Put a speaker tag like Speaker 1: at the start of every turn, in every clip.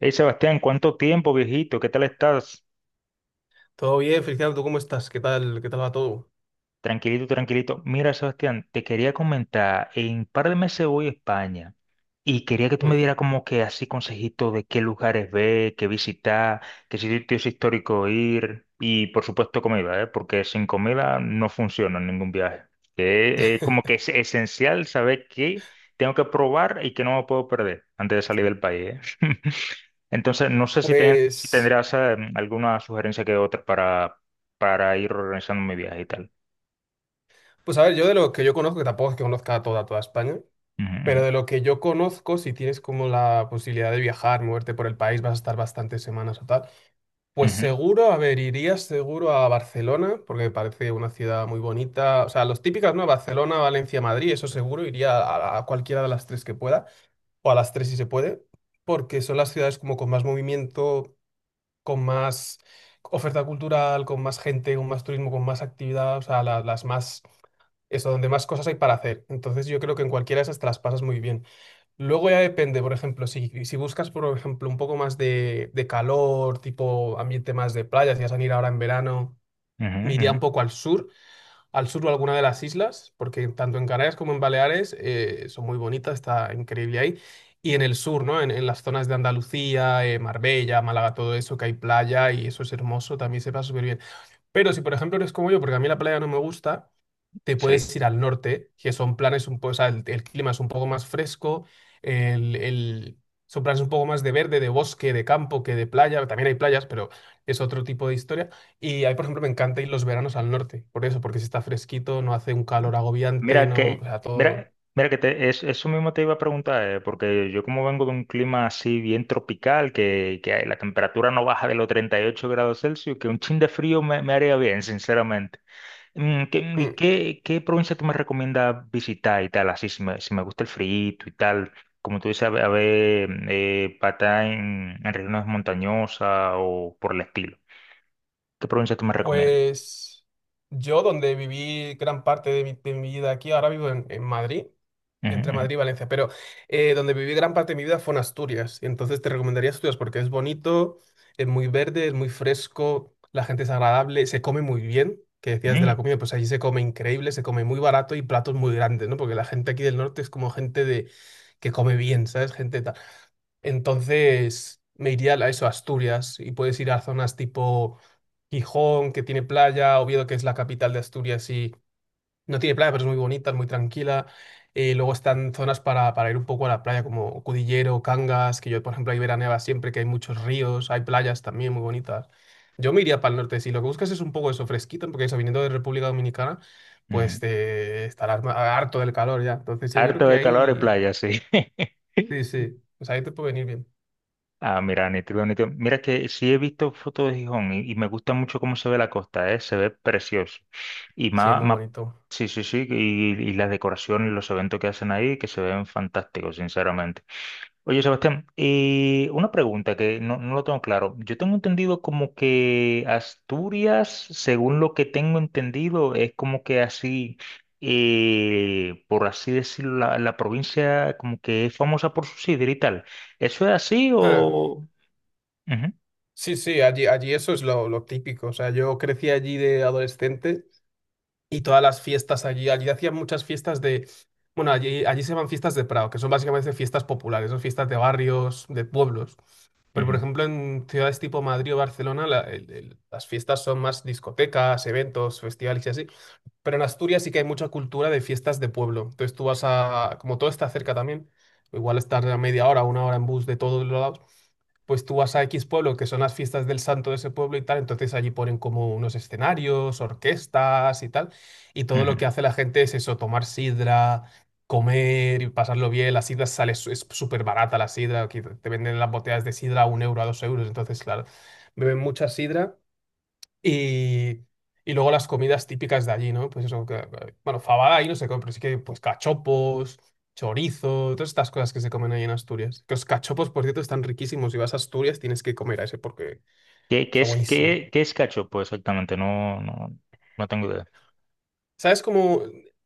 Speaker 1: Hey Sebastián, ¿cuánto tiempo, viejito? ¿Qué tal estás?
Speaker 2: Todo bien, Feliciano, ¿tú cómo estás? ¿Qué tal? ¿Qué tal va todo?
Speaker 1: Tranquilito, tranquilito. Mira, Sebastián, te quería comentar, en un par de meses voy a España y quería que tú me
Speaker 2: Mm.
Speaker 1: dieras como que así consejitos de qué lugares ver, qué visitar, qué sitios históricos ir y por supuesto comida, ¿eh? Porque sin comida no funciona ningún viaje. Que es como que es esencial saber qué tengo que probar y qué no me puedo perder antes de salir del país, ¿eh? Entonces, no sé si
Speaker 2: Pues,
Speaker 1: tendrás alguna sugerencia que otra para ir organizando mi viaje y tal.
Speaker 2: pues a ver, yo de lo que yo conozco, que tampoco es que conozca a toda España, pero
Speaker 1: Ujú,
Speaker 2: de lo que yo conozco, si tienes como la posibilidad de viajar, moverte por el país, vas a estar bastantes semanas o tal, pues
Speaker 1: ujú,
Speaker 2: seguro, a ver, irías seguro a Barcelona, porque me parece una ciudad muy bonita, o sea, los típicas, ¿no? Barcelona, Valencia, Madrid, eso seguro, iría a cualquiera de las tres que pueda, o a las tres si se puede, porque son las ciudades como con más movimiento, con más oferta cultural, con más gente, con más turismo, con más actividad, o sea, las más, eso, donde más cosas hay para hacer. Entonces yo creo que en cualquiera de esas te las pasas muy bien. Luego ya depende, por ejemplo, si buscas, por ejemplo, un poco más de calor, tipo ambiente más de playa, si vas a ir ahora en verano,
Speaker 1: ujú,
Speaker 2: me iría un
Speaker 1: ujú.
Speaker 2: poco al sur, al sur o alguna de las islas, porque tanto en Canarias como en Baleares son muy bonitas, está increíble ahí. Y en el sur, ¿no? En las zonas de Andalucía, Marbella, Málaga, todo eso, que hay playa y eso es hermoso, también se pasa súper bien. Pero si, por ejemplo, eres como yo, porque a mí la playa no me gusta, te
Speaker 1: Sí,
Speaker 2: puedes ir al norte, que son planes un poco, o sea, el clima es un poco más fresco, el, el- son planes un poco más de verde, de bosque, de campo, que de playa, también hay playas, pero es otro tipo de historia. Y ahí, por ejemplo, me encanta ir los veranos al norte, por eso, porque si está fresquito, no hace un calor agobiante,
Speaker 1: mira
Speaker 2: no, o
Speaker 1: que,
Speaker 2: sea,
Speaker 1: mira que eso mismo te iba a preguntar, porque yo como vengo de un clima así bien tropical, que la temperatura no baja de los 38 grados Celsius, que un chin de frío me haría bien, sinceramente.
Speaker 2: mm,
Speaker 1: ¿Y qué provincia tú me recomiendas visitar y tal? Así, si me gusta el frío y tal, como tú dices, a ver, para en regiones montañosas o por el estilo. ¿Qué provincia tú me recomiendas?
Speaker 2: pues yo, donde viví gran parte de mi vida aquí, ahora vivo en Madrid,
Speaker 1: Ujú,
Speaker 2: entre
Speaker 1: ujú,
Speaker 2: Madrid y Valencia, pero donde viví gran parte de mi vida fue en Asturias. Y entonces te recomendaría Asturias porque es bonito, es muy verde, es muy fresco, la gente es agradable, se come muy bien, que decías de la comida, pues allí se come increíble, se come muy barato y platos muy grandes, ¿no? Porque la gente aquí del norte es como gente de que come bien, ¿sabes? Gente tal. Entonces me iría a eso, a Asturias, y puedes ir a zonas tipo Gijón, que tiene playa, Oviedo, que es la capital de Asturias y no tiene playa, pero es muy bonita, es muy tranquila. Luego están zonas para ir un poco a la playa, como Cudillero, Cangas, que yo, por ejemplo, ahí veraneaba siempre, que hay muchos ríos, hay playas también muy bonitas. Yo me iría para el norte, si lo que buscas es un poco eso, fresquito, porque eso, viniendo de República Dominicana,
Speaker 1: ujú,
Speaker 2: pues
Speaker 1: ujú.
Speaker 2: te estarás ma- harto del calor ya. Entonces yo creo
Speaker 1: Harto
Speaker 2: que
Speaker 1: de calor y
Speaker 2: ahí,
Speaker 1: playa, sí.
Speaker 2: sí, sí, pues ahí te puede venir bien.
Speaker 1: Ah, mira, nítido, nítido. Mira que sí he visto fotos de Gijón y me gusta mucho cómo se ve la costa, ¿eh? Se ve precioso. Y
Speaker 2: Sí,
Speaker 1: más,
Speaker 2: muy
Speaker 1: más,
Speaker 2: bonito.
Speaker 1: sí, sí, sí, y las decoraciones, los eventos que hacen ahí, que se ven fantásticos, sinceramente. Oye, Sebastián, una pregunta que no lo tengo claro. Yo tengo entendido como que Asturias, según lo que tengo entendido, es como que así, por así decirlo, la provincia como que es famosa por su sidra y tal. ¿Eso es así
Speaker 2: Ah,
Speaker 1: o...? Ujú,
Speaker 2: sí, sí, allí eso es lo típico. O sea, yo crecí allí de adolescente y todas las fiestas allí, allí hacían muchas fiestas de, bueno, allí se llaman fiestas de Prado, que son básicamente fiestas populares, son fiestas de barrios, de pueblos. Pero, por
Speaker 1: ujú,
Speaker 2: ejemplo, en ciudades tipo Madrid o Barcelona, las fiestas son más discotecas, eventos, festivales y así. Pero en Asturias sí que hay mucha cultura de fiestas de pueblo. Entonces tú vas a, como todo está cerca también, igual estar a media hora, una hora en bus de todos lados, pues tú vas a X pueblo, que son las fiestas del santo de ese pueblo y tal, entonces allí ponen como unos escenarios, orquestas y tal, y todo lo
Speaker 1: ujú.
Speaker 2: que hace la gente es eso, tomar sidra, comer y pasarlo bien, la sidra sale, su- es súper barata la sidra, aquí te venden las botellas de sidra a un euro, a dos euros, entonces claro, beben mucha sidra y, y luego las comidas típicas de allí, ¿no? Pues eso, bueno, fabada ahí no se come, pero sí que pues cachopos, chorizo, todas estas cosas que se comen ahí en Asturias. Que los cachopos, por cierto, están riquísimos. Si vas a Asturias tienes que comer a ese porque
Speaker 1: ¿Qué,
Speaker 2: está buenísimo.
Speaker 1: qué es cachopo exactamente? No, no, no tengo idea.
Speaker 2: ¿Sabes cómo?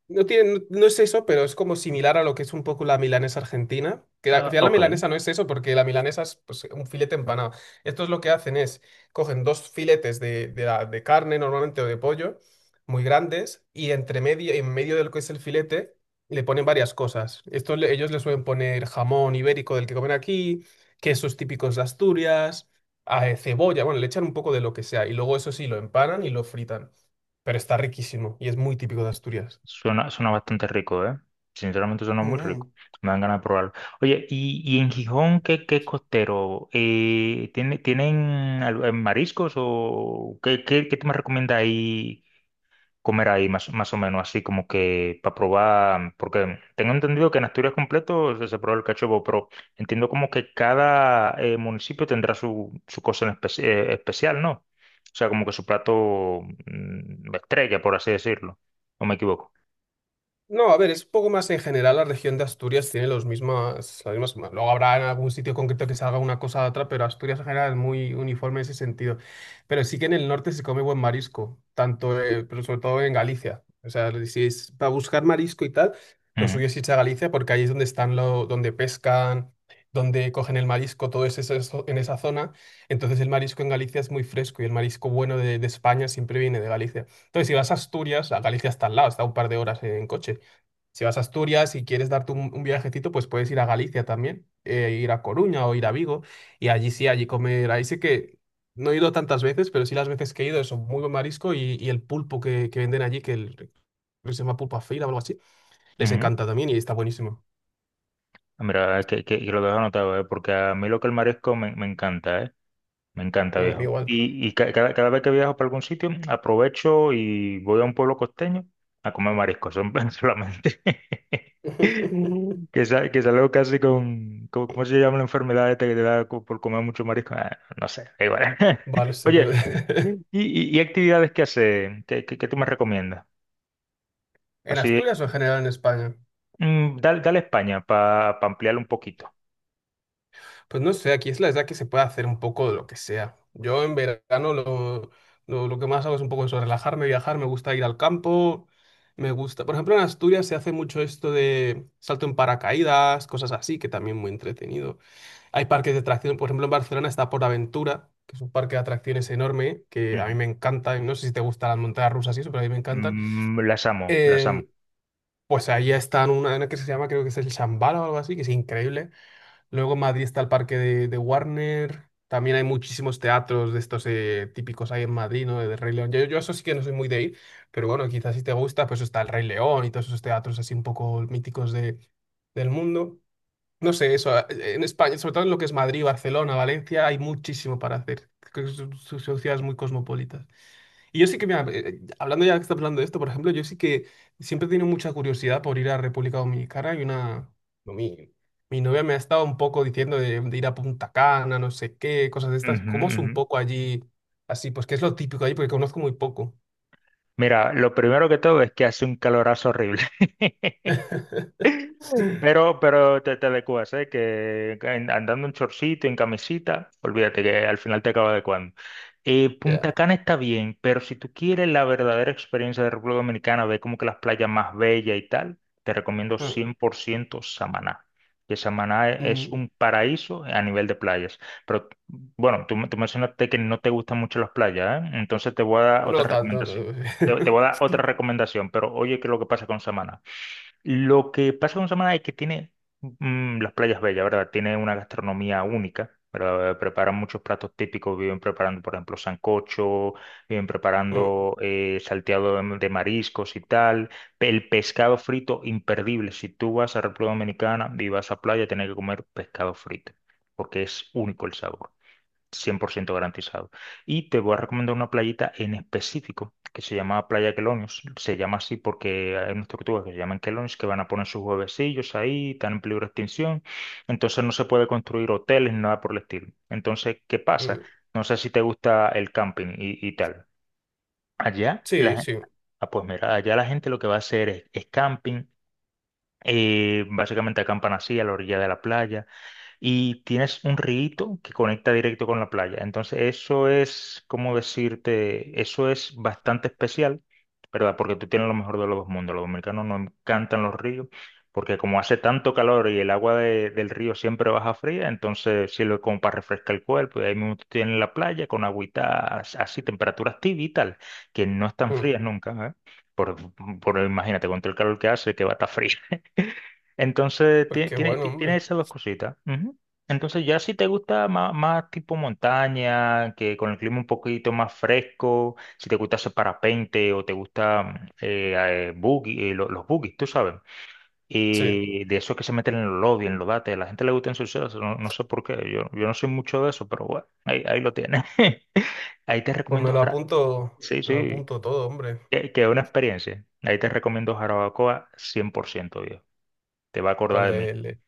Speaker 2: No tiene, no, no es eso, pero es como similar a lo que es un poco la milanesa argentina. Que la, al
Speaker 1: Ah,
Speaker 2: final la
Speaker 1: ok.
Speaker 2: milanesa no es eso, porque la milanesa es pues, un filete empanado. Estos lo que hacen es, cogen dos filetes de carne normalmente o de pollo, muy grandes, y entre medio, en medio de lo que es el filete le ponen varias cosas. Esto ellos le suelen poner jamón ibérico del que comen aquí, quesos típicos de Asturias, cebolla, bueno, le echan un poco de lo que sea, y luego eso sí, lo empanan y lo fritan, pero está riquísimo y es muy típico de Asturias.
Speaker 1: Suena, suena bastante rico, ¿eh? Sinceramente suena muy rico.
Speaker 2: Mm.
Speaker 1: Me dan ganas de probarlo. Oye, ¿y en Gijón qué, qué es costero? ¿Tienen mariscos o qué tú me recomiendas ahí comer ahí más, más o menos? Así como que para probar, porque tengo entendido que en Asturias completo se prueba el cachopo, pero entiendo como que cada municipio tendrá su, su cosa en especial, ¿no? O sea, como que su plato estrella, por así decirlo. ¿O me equivoco?
Speaker 2: No, a ver, es un poco más en general. La región de Asturias tiene los mismas, las mismas. Luego habrá en algún sitio concreto que salga una cosa a otra, pero Asturias en general es muy uniforme en ese sentido. Pero sí que en el norte se come buen marisco, tanto, pero sobre todo en Galicia. O sea, si es para buscar marisco y tal, lo suyo es irse a Galicia porque ahí es donde están lo, donde pescan, donde cogen el marisco, todo es eso, eso- en esa zona. Entonces el marisco en Galicia es muy fresco y el marisco bueno de España siempre viene de Galicia. Entonces, si vas a Asturias, a Galicia está al lado, está a un par de horas en coche. Si vas a Asturias y quieres darte un viajecito, pues puedes ir a Galicia también, ir a Coruña o ir a Vigo. Y allí sí, allí comer. Ahí sí que no he ido tantas veces, pero sí las veces que he ido, eso, muy buen marisco y el pulpo que venden allí, que creo que se llama pulpa feira o algo así, les
Speaker 1: Ujú.
Speaker 2: encanta también y está buenísimo.
Speaker 1: Ah, mira, que lo dejo anotado, ¿eh? Porque a mí lo que el marisco me encanta, ¿eh? Me encanta,
Speaker 2: Mm, a mí
Speaker 1: viejo.
Speaker 2: igual.
Speaker 1: Y cada vez que viajo para algún sitio, aprovecho y voy a un pueblo costeño a comer marisco, solamente. Que, que salgo casi ¿cómo se llama la enfermedad esta que te da por comer mucho marisco? Ah, no sé, da igual.
Speaker 2: Va, no sé, pero...
Speaker 1: Oye, ¿y actividades que hace? ¿Qué, qué tú me recomiendas?
Speaker 2: ¿En
Speaker 1: Así,
Speaker 2: Asturias o en general en España?
Speaker 1: dale, dale a España para ampliar un poquito.
Speaker 2: Pues no sé, aquí es la edad que se puede hacer un poco de lo que sea. Yo en verano lo que más hago es un poco eso, relajarme, viajar, me gusta ir al campo, me gusta. Por ejemplo, en Asturias se hace mucho esto de salto en paracaídas, cosas así, que también muy entretenido. Hay parques de atracciones, por ejemplo, en Barcelona está Aventura, que es un parque de atracciones enorme, que a mí me encanta, y no sé si te gustan las montañas rusas y eso, pero a mí me encantan.
Speaker 1: Mm, las amo, las amo.
Speaker 2: Em, pues ahí están una que se llama, creo que es el Shambhala o algo así, que es increíble. Luego en Madrid está el parque de Warner. También hay muchísimos teatros de estos típicos ahí en Madrid, ¿no? De Rey León. Yo eso sí que no soy muy de ir, pero bueno, quizás si te gusta, pues está el Rey León y todos esos teatros así un poco míticos de, del mundo. No sé, eso, en España, sobre todo en lo que es Madrid, Barcelona, Valencia, hay muchísimo para hacer. Creo que son ciudades muy cosmopolitas. Y yo sí que, mira, hablando ya que estás hablando de esto, por ejemplo, yo sí que siempre he tenido mucha curiosidad por ir a República Dominicana y una... no, mi novia me ha estado un poco diciendo de ir a Punta Cana, no sé qué, cosas de estas.
Speaker 1: Ujú,
Speaker 2: ¿Cómo es
Speaker 1: ujú.
Speaker 2: un poco allí así? Pues que es lo típico allí porque conozco muy poco.
Speaker 1: Mira, lo primero que todo es que hace un calorazo horrible. Pero, pero te adecuas, ¿eh? Que andando en chorcito, en camisita, olvídate que al final te acaba adecuando.
Speaker 2: Ya.
Speaker 1: Punta Cana está bien, pero si tú quieres la verdadera experiencia de República Dominicana, ver como que las playas más bellas y tal, te recomiendo
Speaker 2: Mm,
Speaker 1: 100% Samaná. Que Samaná es
Speaker 2: mm,
Speaker 1: un paraíso a nivel de playas. Pero bueno, tú mencionaste que no te gustan mucho las playas, ¿eh? Entonces te voy a dar
Speaker 2: no
Speaker 1: otra
Speaker 2: tanto, no
Speaker 1: recomendación. Te
Speaker 2: tanto.
Speaker 1: voy a dar otra recomendación, pero oye, ¿qué es lo que pasa con Samaná? Lo que pasa con Samaná es que tiene las playas bellas, ¿verdad? Tiene una gastronomía única, ¿verdad? Preparan muchos platos típicos, viven preparando, por ejemplo, sancocho, viven
Speaker 2: Mm,
Speaker 1: preparando salteado de mariscos y tal. El pescado frito, imperdible. Si tú vas a República Dominicana y vas a playa, tienes que comer pescado frito, porque es único el sabor. 100% garantizado. Y te voy a recomendar una playita en específico que se llama Playa Quelonios. Se llama así porque hay unas tortugas que se llaman Quelonios que van a poner sus huevecillos ahí, están en peligro de extinción. Entonces no se puede construir hoteles ni nada por el estilo. Entonces, ¿qué pasa?
Speaker 2: mm,
Speaker 1: No sé si te gusta el camping y tal. Allá, la,
Speaker 2: sí,
Speaker 1: gen-
Speaker 2: sí.
Speaker 1: ah, pues mira, allá la gente lo que va a hacer es camping. Básicamente acampan así a la orilla de la playa y tienes un rito que conecta directo con la playa. Entonces, eso es, ¿cómo decirte? Eso es bastante especial, ¿verdad? Porque tú tienes lo mejor de los dos mundos. Los dominicanos nos encantan los ríos, porque como hace tanto calor y el agua del río siempre baja fría, entonces sirve como para refrescar el cuerpo. Y ahí mismo tú tienes la playa con agüita así, temperaturas tibias y tal, que no están
Speaker 2: Mm,
Speaker 1: frías nunca, ¿eh? Por imagínate, con todo el calor que hace, que va a estar fría. Entonces,
Speaker 2: pues qué bueno,
Speaker 1: tiene
Speaker 2: hombre.
Speaker 1: esas dos cositas. Ujú. Entonces, ya si te gusta más, más tipo montaña, que con el clima un poquito más fresco, si te gusta hacer parapente o te gusta eh, buggy, los buggies, tú sabes,
Speaker 2: Sí.
Speaker 1: y de esos que se meten en los lobbies, en los dates, a la gente le gusta ensuciarse, no, no sé por qué, yo no soy mucho de eso, pero bueno, ahí lo tienes. Ahí te
Speaker 2: Pues
Speaker 1: recomiendo Jara. Sí,
Speaker 2: me lo
Speaker 1: sí,
Speaker 2: apunto todo, hombre.
Speaker 1: que es una experiencia. Ahí te recomiendo Jarabacoa 100%, viejo. Te va a
Speaker 2: Pues
Speaker 1: acordar de mí.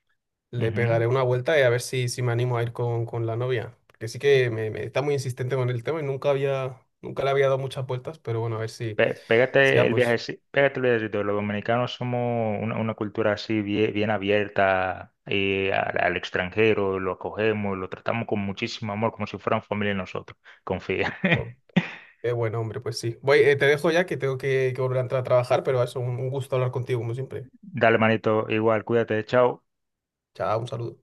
Speaker 2: le
Speaker 1: Ujú.
Speaker 2: pegaré una vuelta y a ver si, si me animo a ir con la novia. Porque sí que me está muy insistente con el tema y nunca había, nunca le había dado muchas vueltas, pero bueno, a ver si, si
Speaker 1: Pégate el viaje,
Speaker 2: vamos.
Speaker 1: sí, pégate el viajecito. Los dominicanos somos una cultura así bien, bien abierta al, al extranjero, lo acogemos, lo tratamos con muchísimo amor, como si fueran familia de nosotros. Confía.
Speaker 2: Pues, qué buen hombre, pues sí. Voy, te dejo ya que tengo que volver a entrar a trabajar, pero eso, un gusto hablar contigo, como siempre.
Speaker 1: Dale, manito, igual, cuídate, chao.
Speaker 2: Chao, un saludo.